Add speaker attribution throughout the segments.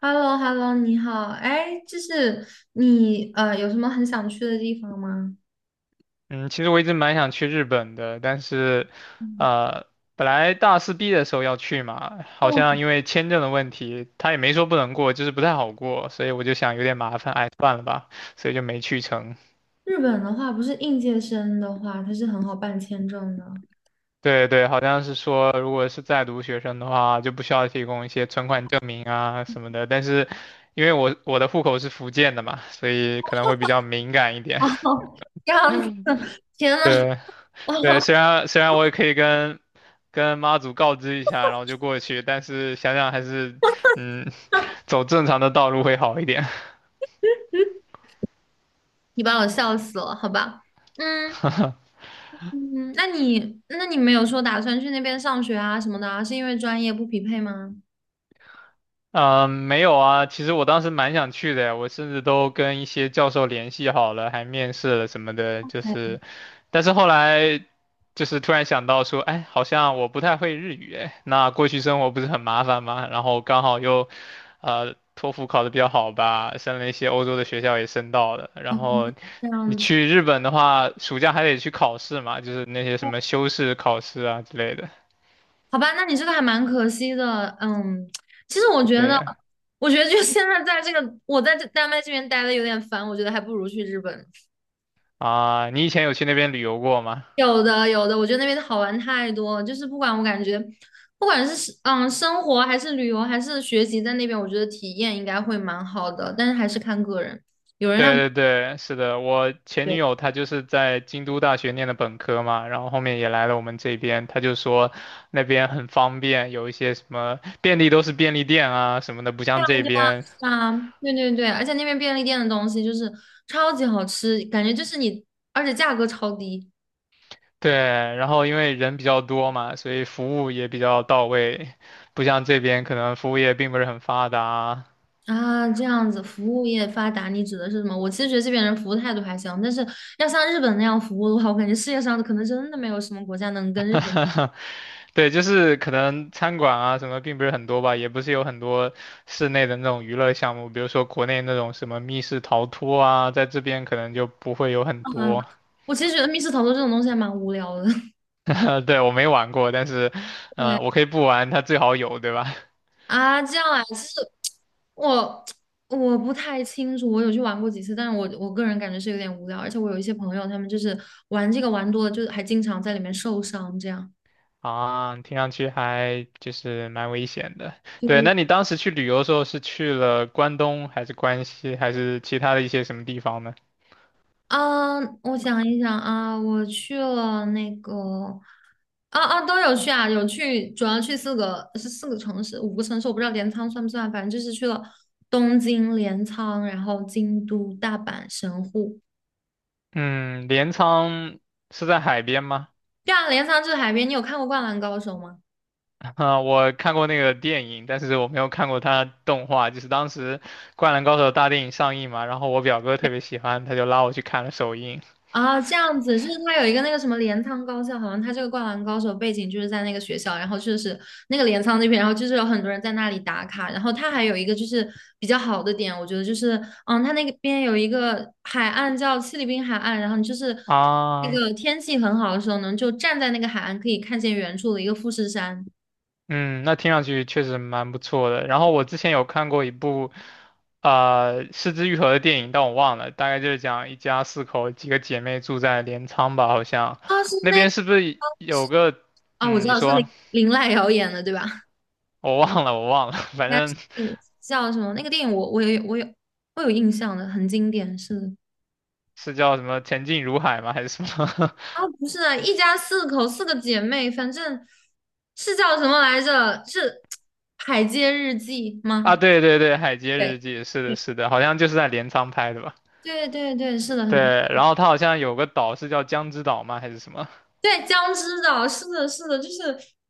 Speaker 1: h e l l o h e l l o 你好，哎，就是你有什么很想去的地方吗？
Speaker 2: 嗯，其实我一直蛮想去日本的，但是，
Speaker 1: 嗯
Speaker 2: 呃，本来大四毕业的时候要去嘛，好
Speaker 1: 哦，
Speaker 2: 像因为签证的问题，他也没说不能过，就是不太好过，所以我就想有点麻烦，哎，算了吧，所以就没去成。
Speaker 1: 日本的话，不是应届生的话，它是很好办签证的。
Speaker 2: 对对，好像是说，如果是在读学生的话，就不需要提供一些存款证明啊什么的，但是因为我的户口是福建的嘛，所以可能会比较敏感一 点。
Speaker 1: 哦，这样子，天呐，
Speaker 2: 对。
Speaker 1: 哦，
Speaker 2: 对，虽然我也可以跟妈祖告知一下，然后就过去，但是想想还是，嗯，走正常的道路会好一点。
Speaker 1: 你把我笑死了，好吧？嗯 嗯，那你没有说打算去那边上学啊什么的啊，是因为专业不匹配吗？
Speaker 2: 嗯，没有啊，其实我当时蛮想去的呀，我甚至都跟一些教授联系好了，还面试了什么的，就
Speaker 1: 哎，
Speaker 2: 是，但是后来就是突然想到说，哎，好像我不太会日语，哎，那过去生活不是很麻烦吗？然后刚好又，托福考得比较好吧，升了一些欧洲的学校也申到了，然后
Speaker 1: 这
Speaker 2: 你
Speaker 1: 样子。
Speaker 2: 去日本的话，暑假还得去考试嘛，就是那些什么修士考试啊之类的，
Speaker 1: 好吧，那你这个还蛮可惜的。嗯，其实我觉
Speaker 2: 对
Speaker 1: 得，
Speaker 2: 啊。
Speaker 1: 我觉得就现在在这个，我在这丹麦这边待的有点烦，我觉得还不如去日本。
Speaker 2: 啊，你以前有去那边旅游过吗？
Speaker 1: 有的，有的，我觉得那边好玩太多了，就是不管我感觉，不管是生活还是旅游还是学习，在那边我觉得体验应该会蛮好的，但是还是看个人。有人那
Speaker 2: 对对对，是的，我前
Speaker 1: 对
Speaker 2: 女友她就是在京都大学念的本科嘛，然后后面也来了我们这边，她就说那边很方便，有一些什么便利都是便利店啊什么的，不像这边。
Speaker 1: 啊，对对对，而且那边便利店的东西就是超级好吃，感觉就是你，而且价格超低。
Speaker 2: 对，然后因为人比较多嘛，所以服务也比较到位，不像这边可能服务业并不是很发达啊。
Speaker 1: 啊，这样子，服务业发达，你指的是什么？我其实觉得这边人服务态度还行，但是要像日本那样服务的话，我感觉世界上可能真的没有什么国家能跟日本
Speaker 2: 对，就是可能餐馆啊什么并不是很多吧，也不是有很多室内的那种娱乐项目，比如说国内那种什么密室逃脱啊，在这边可能就不会有很
Speaker 1: 啊。
Speaker 2: 多。
Speaker 1: 我其实觉得密室逃脱这种东西还蛮无聊的。
Speaker 2: 对，我没玩过，但是，
Speaker 1: 对
Speaker 2: 我可以不玩，它最好有，对吧？
Speaker 1: 啊，这样啊，其实我我不太清楚，我有去玩过几次，但是我个人感觉是有点无聊，而且我有一些朋友，他们就是玩这个玩多了，就是还经常在里面受伤，这样。
Speaker 2: 啊，听上去还就是蛮危险的。对，
Speaker 1: 对
Speaker 2: 那你当时去旅游的时候是去了关东，还是关西，还是其他的一些什么地方呢？
Speaker 1: 啊，我想一想啊，我去了那个，都有去啊，有去，主要去四个城市，五个城市，我不知道镰仓算不算，反正就是去了东京、镰仓，然后京都、大阪、神户。
Speaker 2: 嗯，镰仓是在海边吗？
Speaker 1: 对啊，镰仓就是海边，你有看过《灌篮高手》吗？
Speaker 2: 啊、我看过那个电影，但是我没有看过它动画。就是当时《灌篮高手》大电影上映嘛，然后我表哥特别喜欢，他就拉我去看了首映。
Speaker 1: 啊，这样子，就是他有一个那个什么镰仓高校，好像他这个《灌篮高手》背景就是在那个学校，然后就是那个镰仓那边，然后就是有很多人在那里打卡，然后他还有一个就是比较好的点，我觉得就是，嗯，他那个边有一个海岸叫七里滨海岸，然后你就是那
Speaker 2: 啊，
Speaker 1: 个天气很好的时候呢，就站在那个海岸可以看见远处的一个富士山，
Speaker 2: 嗯，那听上去确实蛮不错的。然后我之前有看过一部，啊《失之愈合的电影，但我忘了，大概就是讲一家四口，几个姐妹住在镰仓吧，好像
Speaker 1: 啊，
Speaker 2: 那边是不是有个，
Speaker 1: 啊，我
Speaker 2: 嗯，
Speaker 1: 知
Speaker 2: 你
Speaker 1: 道是
Speaker 2: 说
Speaker 1: 林林濑遥演的对吧？
Speaker 2: 我忘了，我忘了，反
Speaker 1: 应该
Speaker 2: 正
Speaker 1: 是叫什么那个电影我，我有印象的，很经典，是的
Speaker 2: 是叫什么前进如海吗，还是什么？
Speaker 1: 啊，不是啊，一家四口，四个姐妹，反正是叫什么来着？是《海街日记》
Speaker 2: 啊，
Speaker 1: 吗？
Speaker 2: 对对对，《海街日
Speaker 1: 对，
Speaker 2: 记》是的，是的，好像就是在镰仓拍的吧？
Speaker 1: 对对对，是的，
Speaker 2: 对，
Speaker 1: 很便宜
Speaker 2: 然后它好像有个岛是叫江之岛吗？还是什么？
Speaker 1: 对，江之岛，是的，是的，就是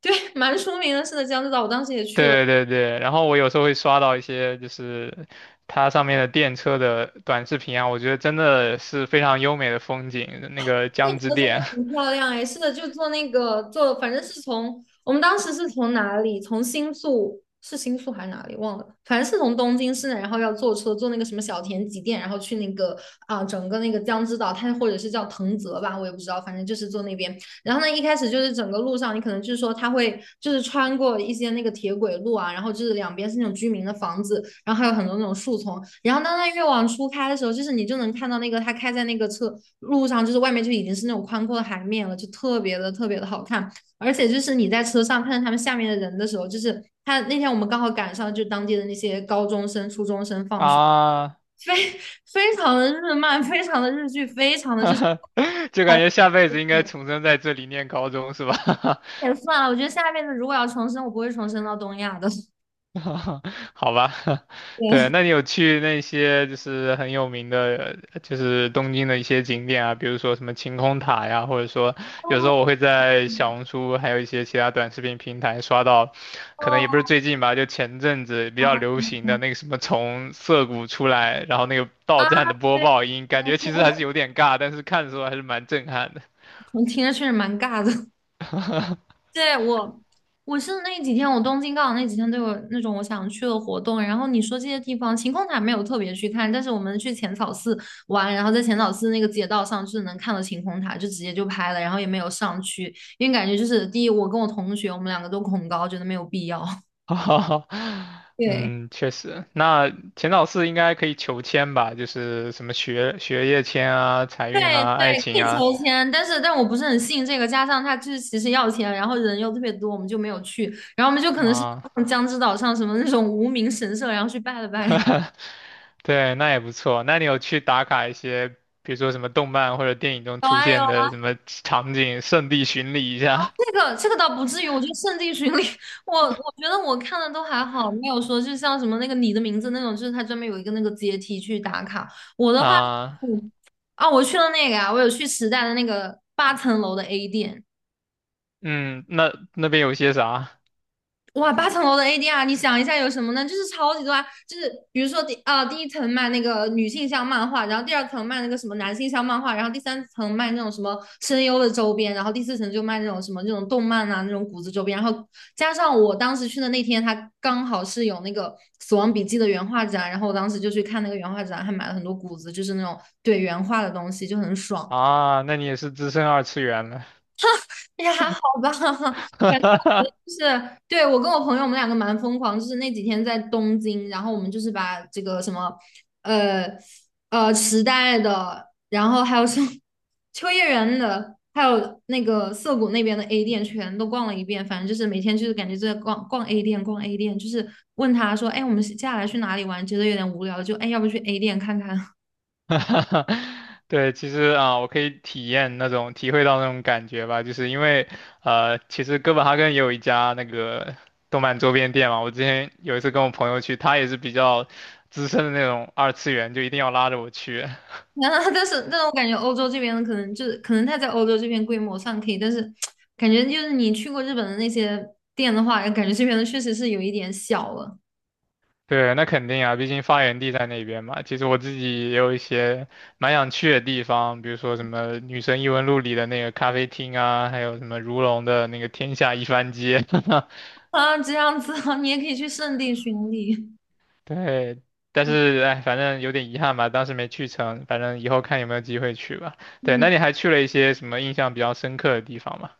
Speaker 1: 对，蛮出名的，是的，江之岛，我当时也 去了。
Speaker 2: 对对对，然后我有时候会刷到一些就是它上面的电车的短视频啊，我觉得真的是非常优美的风景，那个
Speaker 1: 变
Speaker 2: 江之
Speaker 1: 色真的
Speaker 2: 电
Speaker 1: 很漂亮哎，是的，就坐那个坐，反正是从我们当时是从哪里，从新宿是新宿还是哪里忘了，反正是从东京市内，然后要坐车坐那个什么小田急电，然后去那个啊、整个那个江之岛，它或者是叫藤泽吧，我也不知道，反正就是坐那边。然后呢，一开始就是整个路上，你可能就是说他会就是穿过一些那个铁轨路啊，然后就是两边是那种居民的房子，然后还有很多那种树丛。然后当它越往出开的时候，就是你就能看到那个它开在那个车路上，就是外面就已经是那种宽阔的海面了，就特别的特别的好看。而且就是你在车上看着他们下面的人的时候，就是他那天我们刚好赶上就当地的那些高中生、初中生 放学，
Speaker 2: 啊，
Speaker 1: 非非常的日漫，非常的日剧，非常的就是。
Speaker 2: 就感
Speaker 1: 哎
Speaker 2: 觉下辈子应该重生在这里念高中是吧？
Speaker 1: 也算了，我觉得下辈子如果要重生，我不会重生到东亚的。
Speaker 2: 好吧，对，
Speaker 1: 对，
Speaker 2: 那你有去那些就是很有名的，就是东京的一些景点啊，比如说什么晴空塔呀，或者说有时候我会在小红书还有一些其他短视频平台刷到，可能
Speaker 1: 哦
Speaker 2: 也不是最近吧，就前阵子比较流行的那个什么从涩谷出来，然后那个
Speaker 1: 啊，
Speaker 2: 到站的播
Speaker 1: 对
Speaker 2: 报音，
Speaker 1: 对，
Speaker 2: 感觉其实还是有点尬，但是看的时候还是蛮震撼的。
Speaker 1: 我听着确实蛮尬的。对，我，我是那几天，我东京刚好那几天都有那种我想去的活动。然后你说这些地方，晴空塔没有特别去看，但是我们去浅草寺玩，然后在浅草寺那个街道上就是能看到晴空塔，就直接就拍了，然后也没有上去，因为感觉就是第一，我跟我同学我们两个都恐高，觉得没有必要。
Speaker 2: 哈哈哈，
Speaker 1: 对。
Speaker 2: 嗯，确实，那钱老师应该可以求签吧？就是什么学业签啊、财
Speaker 1: 对
Speaker 2: 运啊、
Speaker 1: 对，
Speaker 2: 爱
Speaker 1: 可
Speaker 2: 情
Speaker 1: 以
Speaker 2: 啊
Speaker 1: 求签，但是但我不是很信这个，加上他就是其实要钱，然后人又特别多，我们就没有去，然后我们就可能是
Speaker 2: 啊，
Speaker 1: 到江之岛上什么那种无名神社，然后去拜了拜。
Speaker 2: 对，那也不错。那你有去打卡一些，比如说什么动漫或者电影中
Speaker 1: 有
Speaker 2: 出
Speaker 1: 啊有
Speaker 2: 现
Speaker 1: 啊，
Speaker 2: 的什么场景，圣地巡礼一下
Speaker 1: 这个这个倒不至于，我觉得圣地巡礼，我觉得我看的都还好，没有说就像什么那个你的名字那种，就是他专门有一个那个阶梯去打卡。我 的话，
Speaker 2: 啊？
Speaker 1: 嗯，啊，我去了那个啊，我有去时代的那个八层楼的 A 店。
Speaker 2: 嗯，那那边有些啥
Speaker 1: 哇，八层楼的 ADR，你想一下有什么呢？就是超级多啊，就是比如说第一层卖那个女性向漫画，然后第二层卖那个什么男性向漫画，然后第三层卖那种什么声优的周边，然后第四层就卖那种什么那种动漫啊那种谷子周边，然后加上我当时去的那天，它刚好是有那个《死亡笔记》的原画展，然后我当时就去看那个原画展，还买了很多谷子，就是那种对原画的东西，就很爽。
Speaker 2: 啊？那你也是资深二次元了，
Speaker 1: 也还好吧，感觉 就是对我跟我朋友，我们两个蛮疯狂，就是那几天在东京，然后我们就是把这个什么，呃时代的，然后还有什么秋叶原的，还有那个涩谷那边的 A 店全都逛了一遍，反正就是每天就是感觉就在逛逛 A 店，逛 A 店，就是问他说，哎，我们接下来去哪里玩？觉得有点无聊，就哎，要不去 A 店看看？
Speaker 2: 对，其实啊，我可以体验那种体会到那种感觉吧，就是因为其实哥本哈根也有一家那个动漫周边店嘛。我之前有一次跟我朋友去，他也是比较资深的那种二次元，就一定要拉着我去。
Speaker 1: 啊，但是我感觉欧洲这边可能就是可能它在欧洲这边规模上可以，但是感觉就是你去过日本的那些店的话，感觉这边的确实是有一点小了
Speaker 2: 对，那肯定啊，毕竟发源地在那边嘛。其实我自己也有一些蛮想去的地方，比如说什么《女神异闻录》里的那个咖啡厅啊，还有什么如龙的那个天下一番街。
Speaker 1: 啊，这样子啊，你也可以去圣地巡礼。
Speaker 2: 对，但是哎，反正有点遗憾吧，当时没去成，反正以后看有没有机会去吧。对，那
Speaker 1: 嗯
Speaker 2: 你还去了一些什么印象比较深刻的地方吗？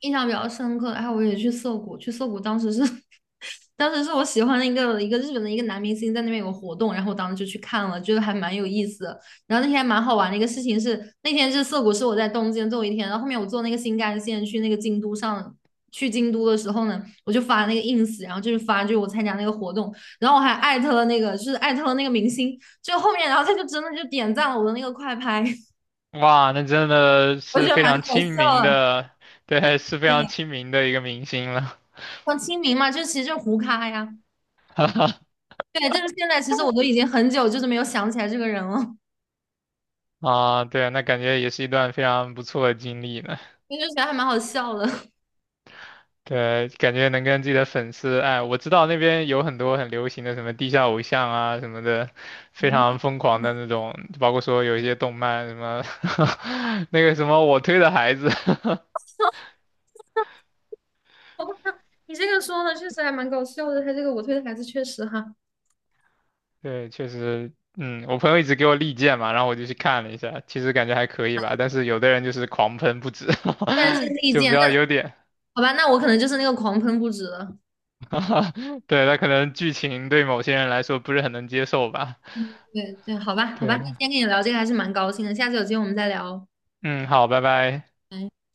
Speaker 1: 印象比较深刻然后我也去涩谷，去涩谷当时是，当时是我喜欢的一个日本的一个男明星在那边有个活动，然后我当时就去看了，觉得还蛮有意思的。然后那天还蛮好玩的一个事情是，那天是涩谷是我在东京最后一天，然后后面我坐那个新干线去那个京都上。去京都的时候呢，我就发那个 ins，然后就是发就是我参加那个活动，然后我还艾特了那个就是艾特了那个明星，就后面然后他就真的就点赞了我的那个快拍，
Speaker 2: 哇，那真的
Speaker 1: 我觉
Speaker 2: 是
Speaker 1: 得
Speaker 2: 非
Speaker 1: 蛮搞
Speaker 2: 常亲
Speaker 1: 笑
Speaker 2: 民
Speaker 1: 的。
Speaker 2: 的，对，是非
Speaker 1: 对，
Speaker 2: 常亲民的一个明星了。
Speaker 1: 很亲民嘛，就其实就胡咖呀。对，就是现在，其实我都已经很久就是没有想起来这个人了，
Speaker 2: 啊，对，那感觉也是一段非常不错的经历呢。
Speaker 1: 因就觉得还蛮好笑的。
Speaker 2: 对，感觉能跟自己的粉丝，哎，我知道那边有很多很流行的什么地下偶像啊什么的，非常疯狂的那种，包括说有一些动漫什么，那个什么我推的孩子，
Speaker 1: 包括他你这个说的确实还蛮搞笑的，他这个我推的孩子确实哈，
Speaker 2: 对，确实，嗯，我朋友一直给我力荐嘛，然后我就去看了一下，其实感觉还可以吧，但是有的人就是狂喷不止，
Speaker 1: 但是 利
Speaker 2: 就比
Speaker 1: 剑，那
Speaker 2: 较有点，
Speaker 1: 好吧，那我可能就是那个狂喷不止了。
Speaker 2: 对，他可能剧情对某些人来说不是很能接受吧，
Speaker 1: 对对，好吧好吧，
Speaker 2: 对，
Speaker 1: 那今天跟你聊这个还是蛮高兴的，下次有机会我们再聊哦。
Speaker 2: 嗯，好，拜拜。
Speaker 1: 拜。